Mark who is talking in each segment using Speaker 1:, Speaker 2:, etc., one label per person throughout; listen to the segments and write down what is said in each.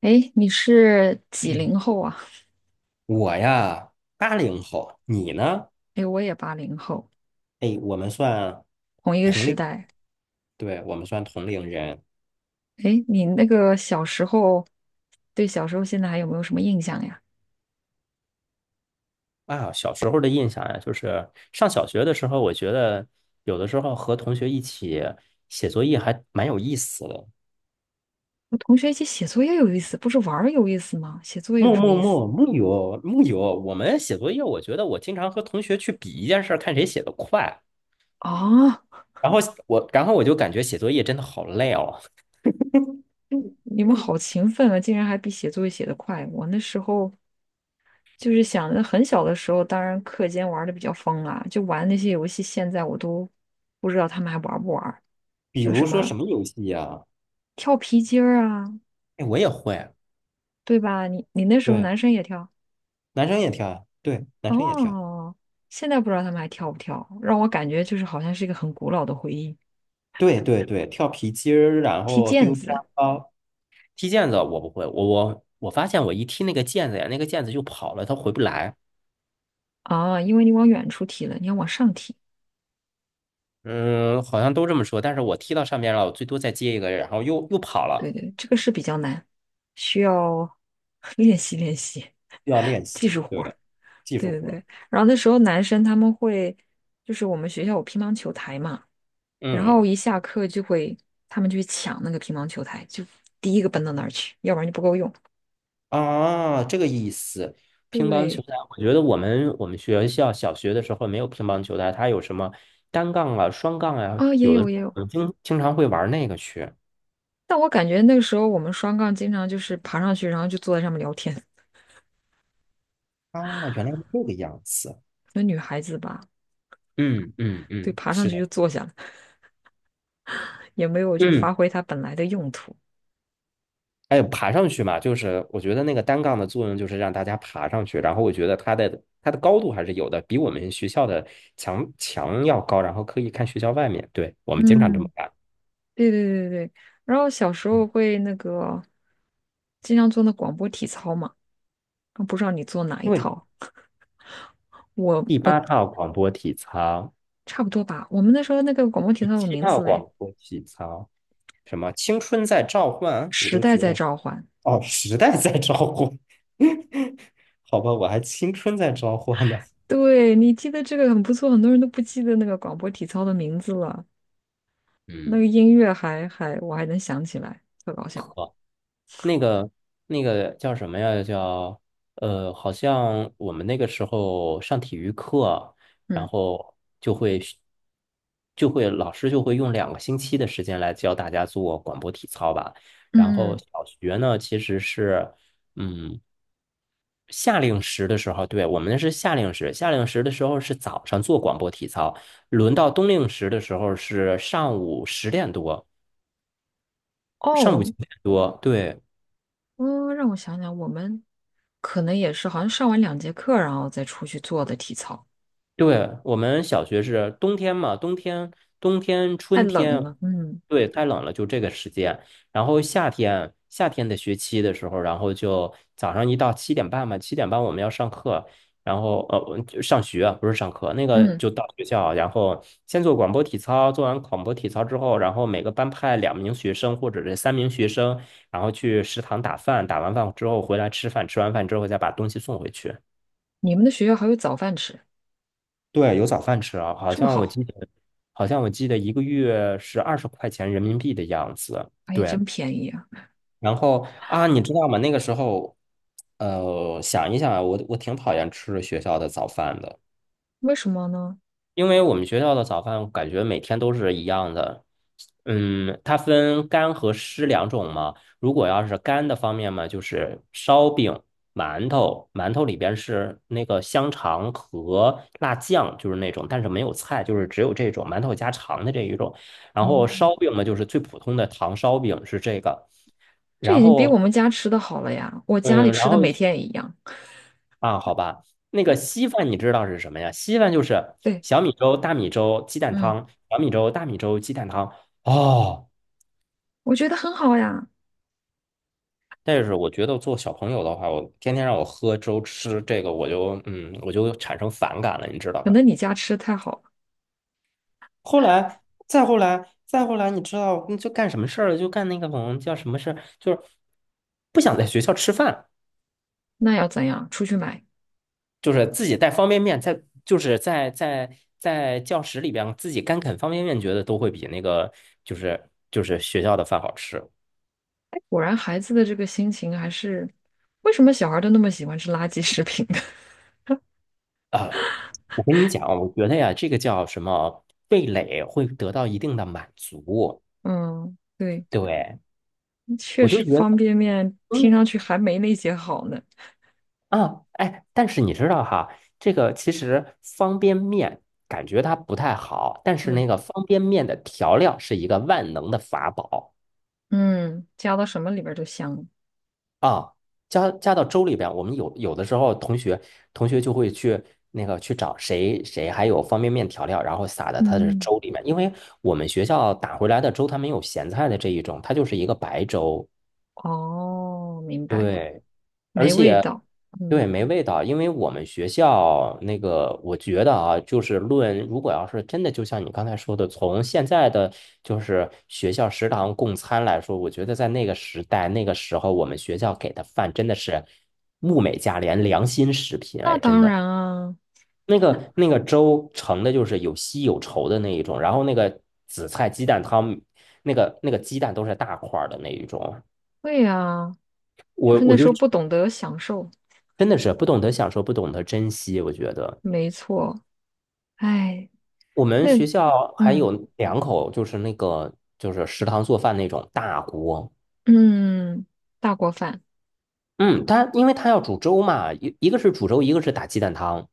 Speaker 1: 哎，你是几
Speaker 2: 嗯，
Speaker 1: 零后啊？
Speaker 2: 我呀，80后，你呢？
Speaker 1: 哎，我也80后，
Speaker 2: 哎，
Speaker 1: 同一个
Speaker 2: 同
Speaker 1: 时
Speaker 2: 龄，
Speaker 1: 代。
Speaker 2: 对，我们算同龄人
Speaker 1: 哎，你那个小时候，对小时候现在还有没有什么印象呀？
Speaker 2: 啊。小时候的印象呀，就是上小学的时候，我觉得有的时候和同学一起写作业还蛮有意思的。
Speaker 1: 和同学一起写作业有意思，不是玩儿有意思吗？写作业有
Speaker 2: 木
Speaker 1: 什么
Speaker 2: 木
Speaker 1: 意思
Speaker 2: 木木有木有，我们写作业，我觉得我经常和同学去比一件事儿，看谁写得快。
Speaker 1: 啊？
Speaker 2: 然后我就感觉写作业真的好累哦。嗯
Speaker 1: 你们
Speaker 2: 嗯，
Speaker 1: 好勤奋啊，竟然还比写作业写得快。我那时候就是想着很小的时候，当然课间玩的比较疯啊，就玩那些游戏，现在我都不知道他们还玩不玩儿，
Speaker 2: 比
Speaker 1: 就什
Speaker 2: 如说
Speaker 1: 么
Speaker 2: 什么游戏呀？
Speaker 1: 跳皮筋儿啊，
Speaker 2: 哎，我也会。
Speaker 1: 对吧？你那时候
Speaker 2: 对。
Speaker 1: 男生也跳。
Speaker 2: 男生也跳呀，对，男生也跳，
Speaker 1: 哦，现在不知道他们还跳不跳，让我感觉就是好像是一个很古老的回忆。
Speaker 2: 对对对，跳皮筋儿，然
Speaker 1: 踢
Speaker 2: 后
Speaker 1: 毽
Speaker 2: 丢沙
Speaker 1: 子
Speaker 2: 包，踢毽子我不会，我发现我一踢那个毽子呀，那个毽子就跑了，它回不来。
Speaker 1: 啊，因为你往远处踢了，你要往上踢。
Speaker 2: 嗯，好像都这么说，但是我踢到上面了，我最多再接一个，然后又跑
Speaker 1: 对
Speaker 2: 了，
Speaker 1: 对，这个是比较难，需要 练习练习
Speaker 2: 需要练习，
Speaker 1: 技术活
Speaker 2: 对，
Speaker 1: 儿。
Speaker 2: 技
Speaker 1: 对
Speaker 2: 术
Speaker 1: 对
Speaker 2: 活儿。
Speaker 1: 对，然后那时候男生他们会，就是我们学校有乒乓球台嘛，然后
Speaker 2: 嗯
Speaker 1: 一下课就会他们就去抢那个乒乓球台，就第一个奔到那儿去，要不然就不够用。
Speaker 2: 啊，这个意思。乒乓球
Speaker 1: 对
Speaker 2: 台，我觉得我们学校小学的时候没有乒乓球台，它有什么单杠啊、双杠啊，
Speaker 1: 啊，也
Speaker 2: 有的
Speaker 1: 有
Speaker 2: 时
Speaker 1: 也
Speaker 2: 候
Speaker 1: 有，
Speaker 2: 我们经常会玩那个去。
Speaker 1: 但我感觉那个时候我们双杠经常就是爬上去，然后就坐在上面聊天。
Speaker 2: 啊，原来是这个样子。
Speaker 1: 那女孩子吧，
Speaker 2: 嗯嗯
Speaker 1: 对，
Speaker 2: 嗯，
Speaker 1: 爬上
Speaker 2: 是
Speaker 1: 去
Speaker 2: 的，
Speaker 1: 就坐下了，也没有就
Speaker 2: 嗯，
Speaker 1: 发挥它本来的用途。
Speaker 2: 还有爬上去嘛，就是我觉得那个单杠的作用就是让大家爬上去，然后我觉得它的高度还是有的，比我们学校的墙要高，然后可以看学校外面。对，我们经常这么
Speaker 1: 嗯，
Speaker 2: 干。
Speaker 1: 对对对对，然后小时候
Speaker 2: 嗯
Speaker 1: 会那个经常做那广播体操嘛，啊不知道你做哪一
Speaker 2: 因为
Speaker 1: 套？我
Speaker 2: 第
Speaker 1: 我
Speaker 2: 八套广播体操，
Speaker 1: 差不多吧。我们那时候那个广播体
Speaker 2: 第
Speaker 1: 操有
Speaker 2: 七
Speaker 1: 名
Speaker 2: 套
Speaker 1: 字嘞，
Speaker 2: 广播体操，什么青春在召唤，我
Speaker 1: 《时
Speaker 2: 就
Speaker 1: 代
Speaker 2: 觉
Speaker 1: 在
Speaker 2: 得
Speaker 1: 召唤》。
Speaker 2: 哦，时代在召唤，好吧，我还青春在召唤呢。
Speaker 1: 对，你记得这个很不错，很多人都不记得那个广播体操的名字了。那
Speaker 2: 嗯。
Speaker 1: 个音乐还我还能想起来，特搞笑。
Speaker 2: 那个那个叫什么呀？叫好像我们那个时候上体育课，然
Speaker 1: 嗯
Speaker 2: 后就会老师就会用2个星期的时间来教大家做广播体操吧。然
Speaker 1: 嗯
Speaker 2: 后
Speaker 1: 嗯，
Speaker 2: 小学呢，其实是嗯夏令时的时候，对，我们是夏令时，夏令时的时候是早上做广播体操，轮到冬令时的时候是上午10点多，
Speaker 1: 哦，
Speaker 2: 上午九点多，对。
Speaker 1: 让我想想，我们可能也是好像上完2节课，然后再出去做的体操，
Speaker 2: 对，我们小学是冬天嘛，冬天、
Speaker 1: 太
Speaker 2: 春
Speaker 1: 冷
Speaker 2: 天，
Speaker 1: 了。嗯
Speaker 2: 对，太冷了，就这个时间。然后夏天，夏天的学期的时候，然后就早上一到七点半嘛，七点半我们要上课，然后就上学不是上课，那个
Speaker 1: 嗯，
Speaker 2: 就到学校，然后先做广播体操，做完广播体操之后，然后每个班派2名学生或者是3名学生，然后去食堂打饭，打完饭之后回来吃饭，吃完饭之后再把东西送回去。
Speaker 1: 你们的学校还有早饭吃，
Speaker 2: 对，有早饭吃啊，好
Speaker 1: 这么
Speaker 2: 像我
Speaker 1: 好，
Speaker 2: 记得，好像我记得1个月是20块钱人民币的样子。
Speaker 1: 哎，
Speaker 2: 对，
Speaker 1: 真便宜啊！
Speaker 2: 然后啊，你知道吗？那个时候，想一想啊我挺讨厌吃学校的早饭的。
Speaker 1: 为什么呢？
Speaker 2: 因为我们学校的早饭感觉每天都是一样的，嗯，它分干和湿两种嘛。如果要是干的方面嘛，就是烧饼、馒头，馒头里边是那个香肠和辣酱，就是那种，但是没有菜，就是只有这种馒头加肠的这一种。然
Speaker 1: 哦，
Speaker 2: 后烧饼嘛，就是最普通的糖烧饼是这个。
Speaker 1: 这
Speaker 2: 然
Speaker 1: 已经比我
Speaker 2: 后，
Speaker 1: 们家吃的好了呀，我家里
Speaker 2: 嗯，
Speaker 1: 吃
Speaker 2: 然
Speaker 1: 的
Speaker 2: 后
Speaker 1: 每天也一样。
Speaker 2: 啊，好吧，那个稀饭你知道是什么呀？稀饭就是
Speaker 1: 对，
Speaker 2: 小米粥、大米粥、鸡蛋
Speaker 1: 嗯，
Speaker 2: 汤，小米粥、大米粥、鸡蛋汤。哦，
Speaker 1: 我觉得很好呀，
Speaker 2: 但是我觉得做小朋友的话，我天天让我喝粥吃这个，我就我就产生反感了，你知道
Speaker 1: 可
Speaker 2: 吧？
Speaker 1: 能你家吃的太好了，
Speaker 2: 后来，再后来，再后来，你知道，就干什么事儿了？就干那个什么叫什么事儿？就是不想在学校吃饭。
Speaker 1: 那要怎样？出去买。
Speaker 2: 就是自己带方便面在，就是在在教室里边自己干啃方便面，觉得都会比那个就是学校的饭好吃
Speaker 1: 果然，孩子的这个心情还是，为什么小孩都那么喜欢吃垃圾食品？
Speaker 2: 啊。我跟你讲，我觉得呀，这个叫什么味蕾会得到一定的满足。
Speaker 1: 嗯，对。
Speaker 2: 对，
Speaker 1: 确
Speaker 2: 我就
Speaker 1: 实
Speaker 2: 觉
Speaker 1: 方
Speaker 2: 得，
Speaker 1: 便面听
Speaker 2: 嗯
Speaker 1: 上去还没那些好呢。
Speaker 2: 啊，哎，但是你知道哈，这个其实方便面感觉它不太好，但是那
Speaker 1: 嗯
Speaker 2: 个方便面的调料是一个万能的法宝。
Speaker 1: 嗯，加到什么里边儿都香了
Speaker 2: 啊，加到粥里边，我们有的时候同学就会去那个去找谁谁还有方便面调料，然后撒在他的
Speaker 1: 嗯，
Speaker 2: 粥里面，因为我们学校打回来的粥它没有咸菜的这一种，它就是一个白粥。
Speaker 1: 哦，明白，
Speaker 2: 对而
Speaker 1: 没味
Speaker 2: 且，
Speaker 1: 道。嗯，
Speaker 2: 对，没味道，因为我们学校那个，我觉得啊，就是论，如果要是真的，就像你刚才说的，从现在的就是学校食堂供餐来说，我觉得在那个时代、那个时候，我们学校给的饭真的是物美价廉、良心食品，
Speaker 1: 那
Speaker 2: 哎，真
Speaker 1: 当
Speaker 2: 的。
Speaker 1: 然啊，
Speaker 2: 那个粥盛的就是有稀有稠的那一种，然后那个紫菜鸡蛋汤，那个鸡蛋都是大块儿的那一种。
Speaker 1: 会啊，就
Speaker 2: 我
Speaker 1: 是那
Speaker 2: 我就
Speaker 1: 时候不懂得享受，
Speaker 2: 真的是不懂得享受，不懂得珍惜。我觉得
Speaker 1: 没错。哎，
Speaker 2: 我们
Speaker 1: 那，
Speaker 2: 学校还
Speaker 1: 嗯
Speaker 2: 有两口，就是那个就是食堂做饭那种大锅。
Speaker 1: 嗯，大锅饭。
Speaker 2: 嗯，他因为他要煮粥嘛，一个是煮粥，一个是打鸡蛋汤。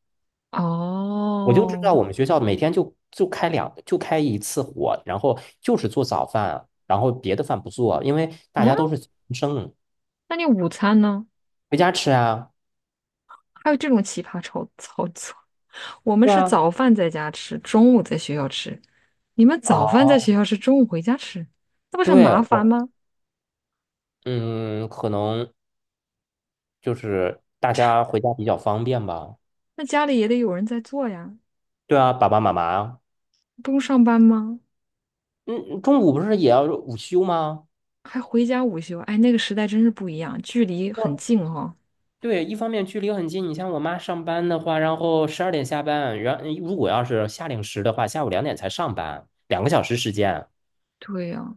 Speaker 2: 我就知道
Speaker 1: 哦，
Speaker 2: 我们学校每天就开一次火，然后就是做早饭，然后别的饭不做，因为大
Speaker 1: 嗯，
Speaker 2: 家都是生
Speaker 1: 那你午餐呢？
Speaker 2: 回家吃啊。
Speaker 1: 还有这种奇葩操作？我们
Speaker 2: 对
Speaker 1: 是
Speaker 2: 啊，
Speaker 1: 早饭在家吃，中午在学校吃。你们早饭在
Speaker 2: 哦，
Speaker 1: 学校吃，中午回家吃，那不是很
Speaker 2: 对，
Speaker 1: 麻烦
Speaker 2: 我，
Speaker 1: 吗？
Speaker 2: 嗯，可能就是大家回家比较方便吧。
Speaker 1: 那家里也得有人在做呀，
Speaker 2: 对啊，爸爸妈妈
Speaker 1: 不用上班吗？
Speaker 2: 嗯，中午不是也要午休吗？
Speaker 1: 还回家午休，哎，那个时代真是不一样，距离很
Speaker 2: 我
Speaker 1: 近哈。
Speaker 2: 对，一方面距离很近，你像我妈上班的话，然后十二点下班，然如果要是夏令时的话，下午2点才上班，两个小时时间，
Speaker 1: 对呀，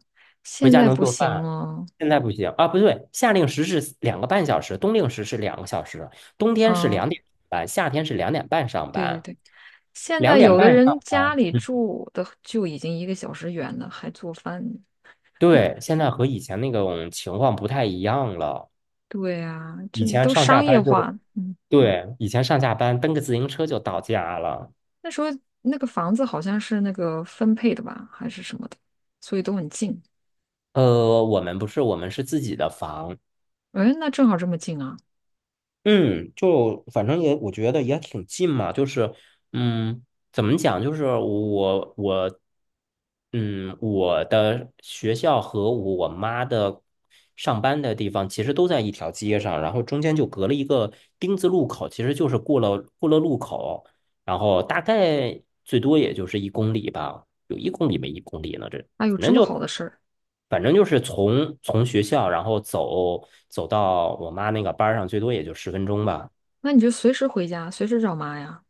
Speaker 2: 回
Speaker 1: 现
Speaker 2: 家
Speaker 1: 在
Speaker 2: 能
Speaker 1: 不
Speaker 2: 做
Speaker 1: 行
Speaker 2: 饭。
Speaker 1: 了
Speaker 2: 现在不行啊，不对，夏令时是2个半小时，冬令时是两个小时，冬天是
Speaker 1: 啊，
Speaker 2: 两点上班，夏天是两点半上
Speaker 1: 对对
Speaker 2: 班，
Speaker 1: 对，现
Speaker 2: 两
Speaker 1: 在
Speaker 2: 点
Speaker 1: 有的
Speaker 2: 半
Speaker 1: 人
Speaker 2: 上
Speaker 1: 家
Speaker 2: 班。
Speaker 1: 里
Speaker 2: 嗯
Speaker 1: 住的就已经1个小时远了，还做饭呢
Speaker 2: 对，现在和以前那种情况不太一样了，
Speaker 1: 对呀，
Speaker 2: 以
Speaker 1: 这
Speaker 2: 前
Speaker 1: 都
Speaker 2: 上下
Speaker 1: 商业
Speaker 2: 班就。
Speaker 1: 化，嗯。
Speaker 2: 对，以前上下班蹬个自行车就到家了。
Speaker 1: 那时候那个房子好像是那个分配的吧，还是什么的，所以都很近。
Speaker 2: 我们不是，我们是自己的房。
Speaker 1: 哎，那正好这么近啊！
Speaker 2: 嗯，就反正也我觉得也挺近嘛，就是嗯，怎么讲，就是我我的学校和我妈的上班的地方其实都在一条街上，然后中间就隔了一个丁字路口，其实就是过了路口，然后大概最多也就是一公里吧，有一公里没一公里呢，这。
Speaker 1: 哎呦，
Speaker 2: 反
Speaker 1: 这
Speaker 2: 正
Speaker 1: 么好
Speaker 2: 就
Speaker 1: 的事儿，
Speaker 2: 反正就是从学校，然后走到我妈那个班儿上，最多也就10分钟吧。
Speaker 1: 那你就随时回家，随时找妈呀。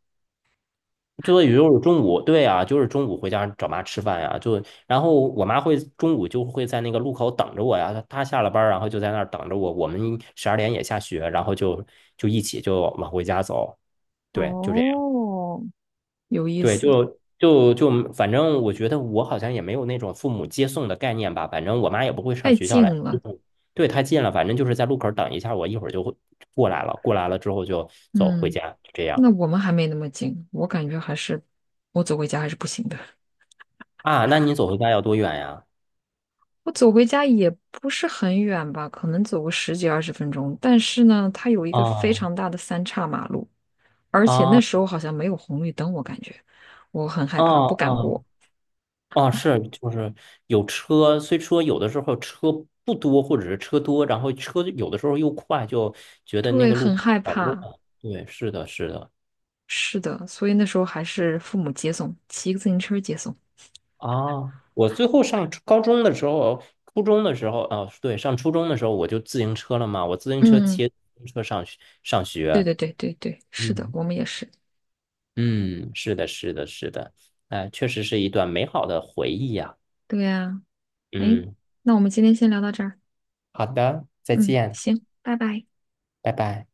Speaker 2: 最多也就是中午，对啊，就是中午回家找妈吃饭呀、就然后我妈会中午就会在那个路口等着我呀，她她下了班儿然后就在那儿等着我。我们十二点也下学，然后就就一起就往回家走。对，就这
Speaker 1: 哦，有意
Speaker 2: 对，
Speaker 1: 思，
Speaker 2: 就，反正我觉得我好像也没有那种父母接送的概念吧。反正我妈也不会上
Speaker 1: 太
Speaker 2: 学校
Speaker 1: 近
Speaker 2: 来接
Speaker 1: 了。
Speaker 2: 送对，太近了，反正就是在路口等一下，我一会儿就会过来了。过来了之后就走回
Speaker 1: 嗯，
Speaker 2: 家，就这样
Speaker 1: 那我们还没那么近，我感觉还是我走回家还是不行的。
Speaker 2: 啊。那你走回家要多远呀？
Speaker 1: 我走回家也不是很远吧，可能走个十几二十分钟。但是呢，它有一个非
Speaker 2: 哦
Speaker 1: 常大的三岔马路，而且那
Speaker 2: 啊
Speaker 1: 时候好像没有红绿灯，我感觉我很害
Speaker 2: 啊
Speaker 1: 怕，我不敢
Speaker 2: 啊
Speaker 1: 过。
Speaker 2: 啊！是，就是有车，虽说有的时候车不多，或者是车多，然后车有的时候又快，就觉得那
Speaker 1: 对，
Speaker 2: 个路
Speaker 1: 很
Speaker 2: 口
Speaker 1: 害
Speaker 2: 好乱。
Speaker 1: 怕。
Speaker 2: 对，是的，是的。
Speaker 1: 是的，所以那时候还是父母接送，骑个自行车接送。
Speaker 2: 啊，我最后上初高中的时候，初中的时候，啊，对，上初中的时候我就自行车了嘛，我自行车
Speaker 1: 嗯，
Speaker 2: 骑自行车上
Speaker 1: 对
Speaker 2: 学，
Speaker 1: 对对对对，是的，
Speaker 2: 嗯
Speaker 1: 我们也是。
Speaker 2: 嗯，是的，是的，是的，哎，确实是一段美好的回忆呀，
Speaker 1: 对呀，哎，
Speaker 2: 嗯，
Speaker 1: 那我们今天先聊到这儿。
Speaker 2: 好的，再
Speaker 1: 嗯，
Speaker 2: 见，
Speaker 1: 行，拜拜。
Speaker 2: 拜拜。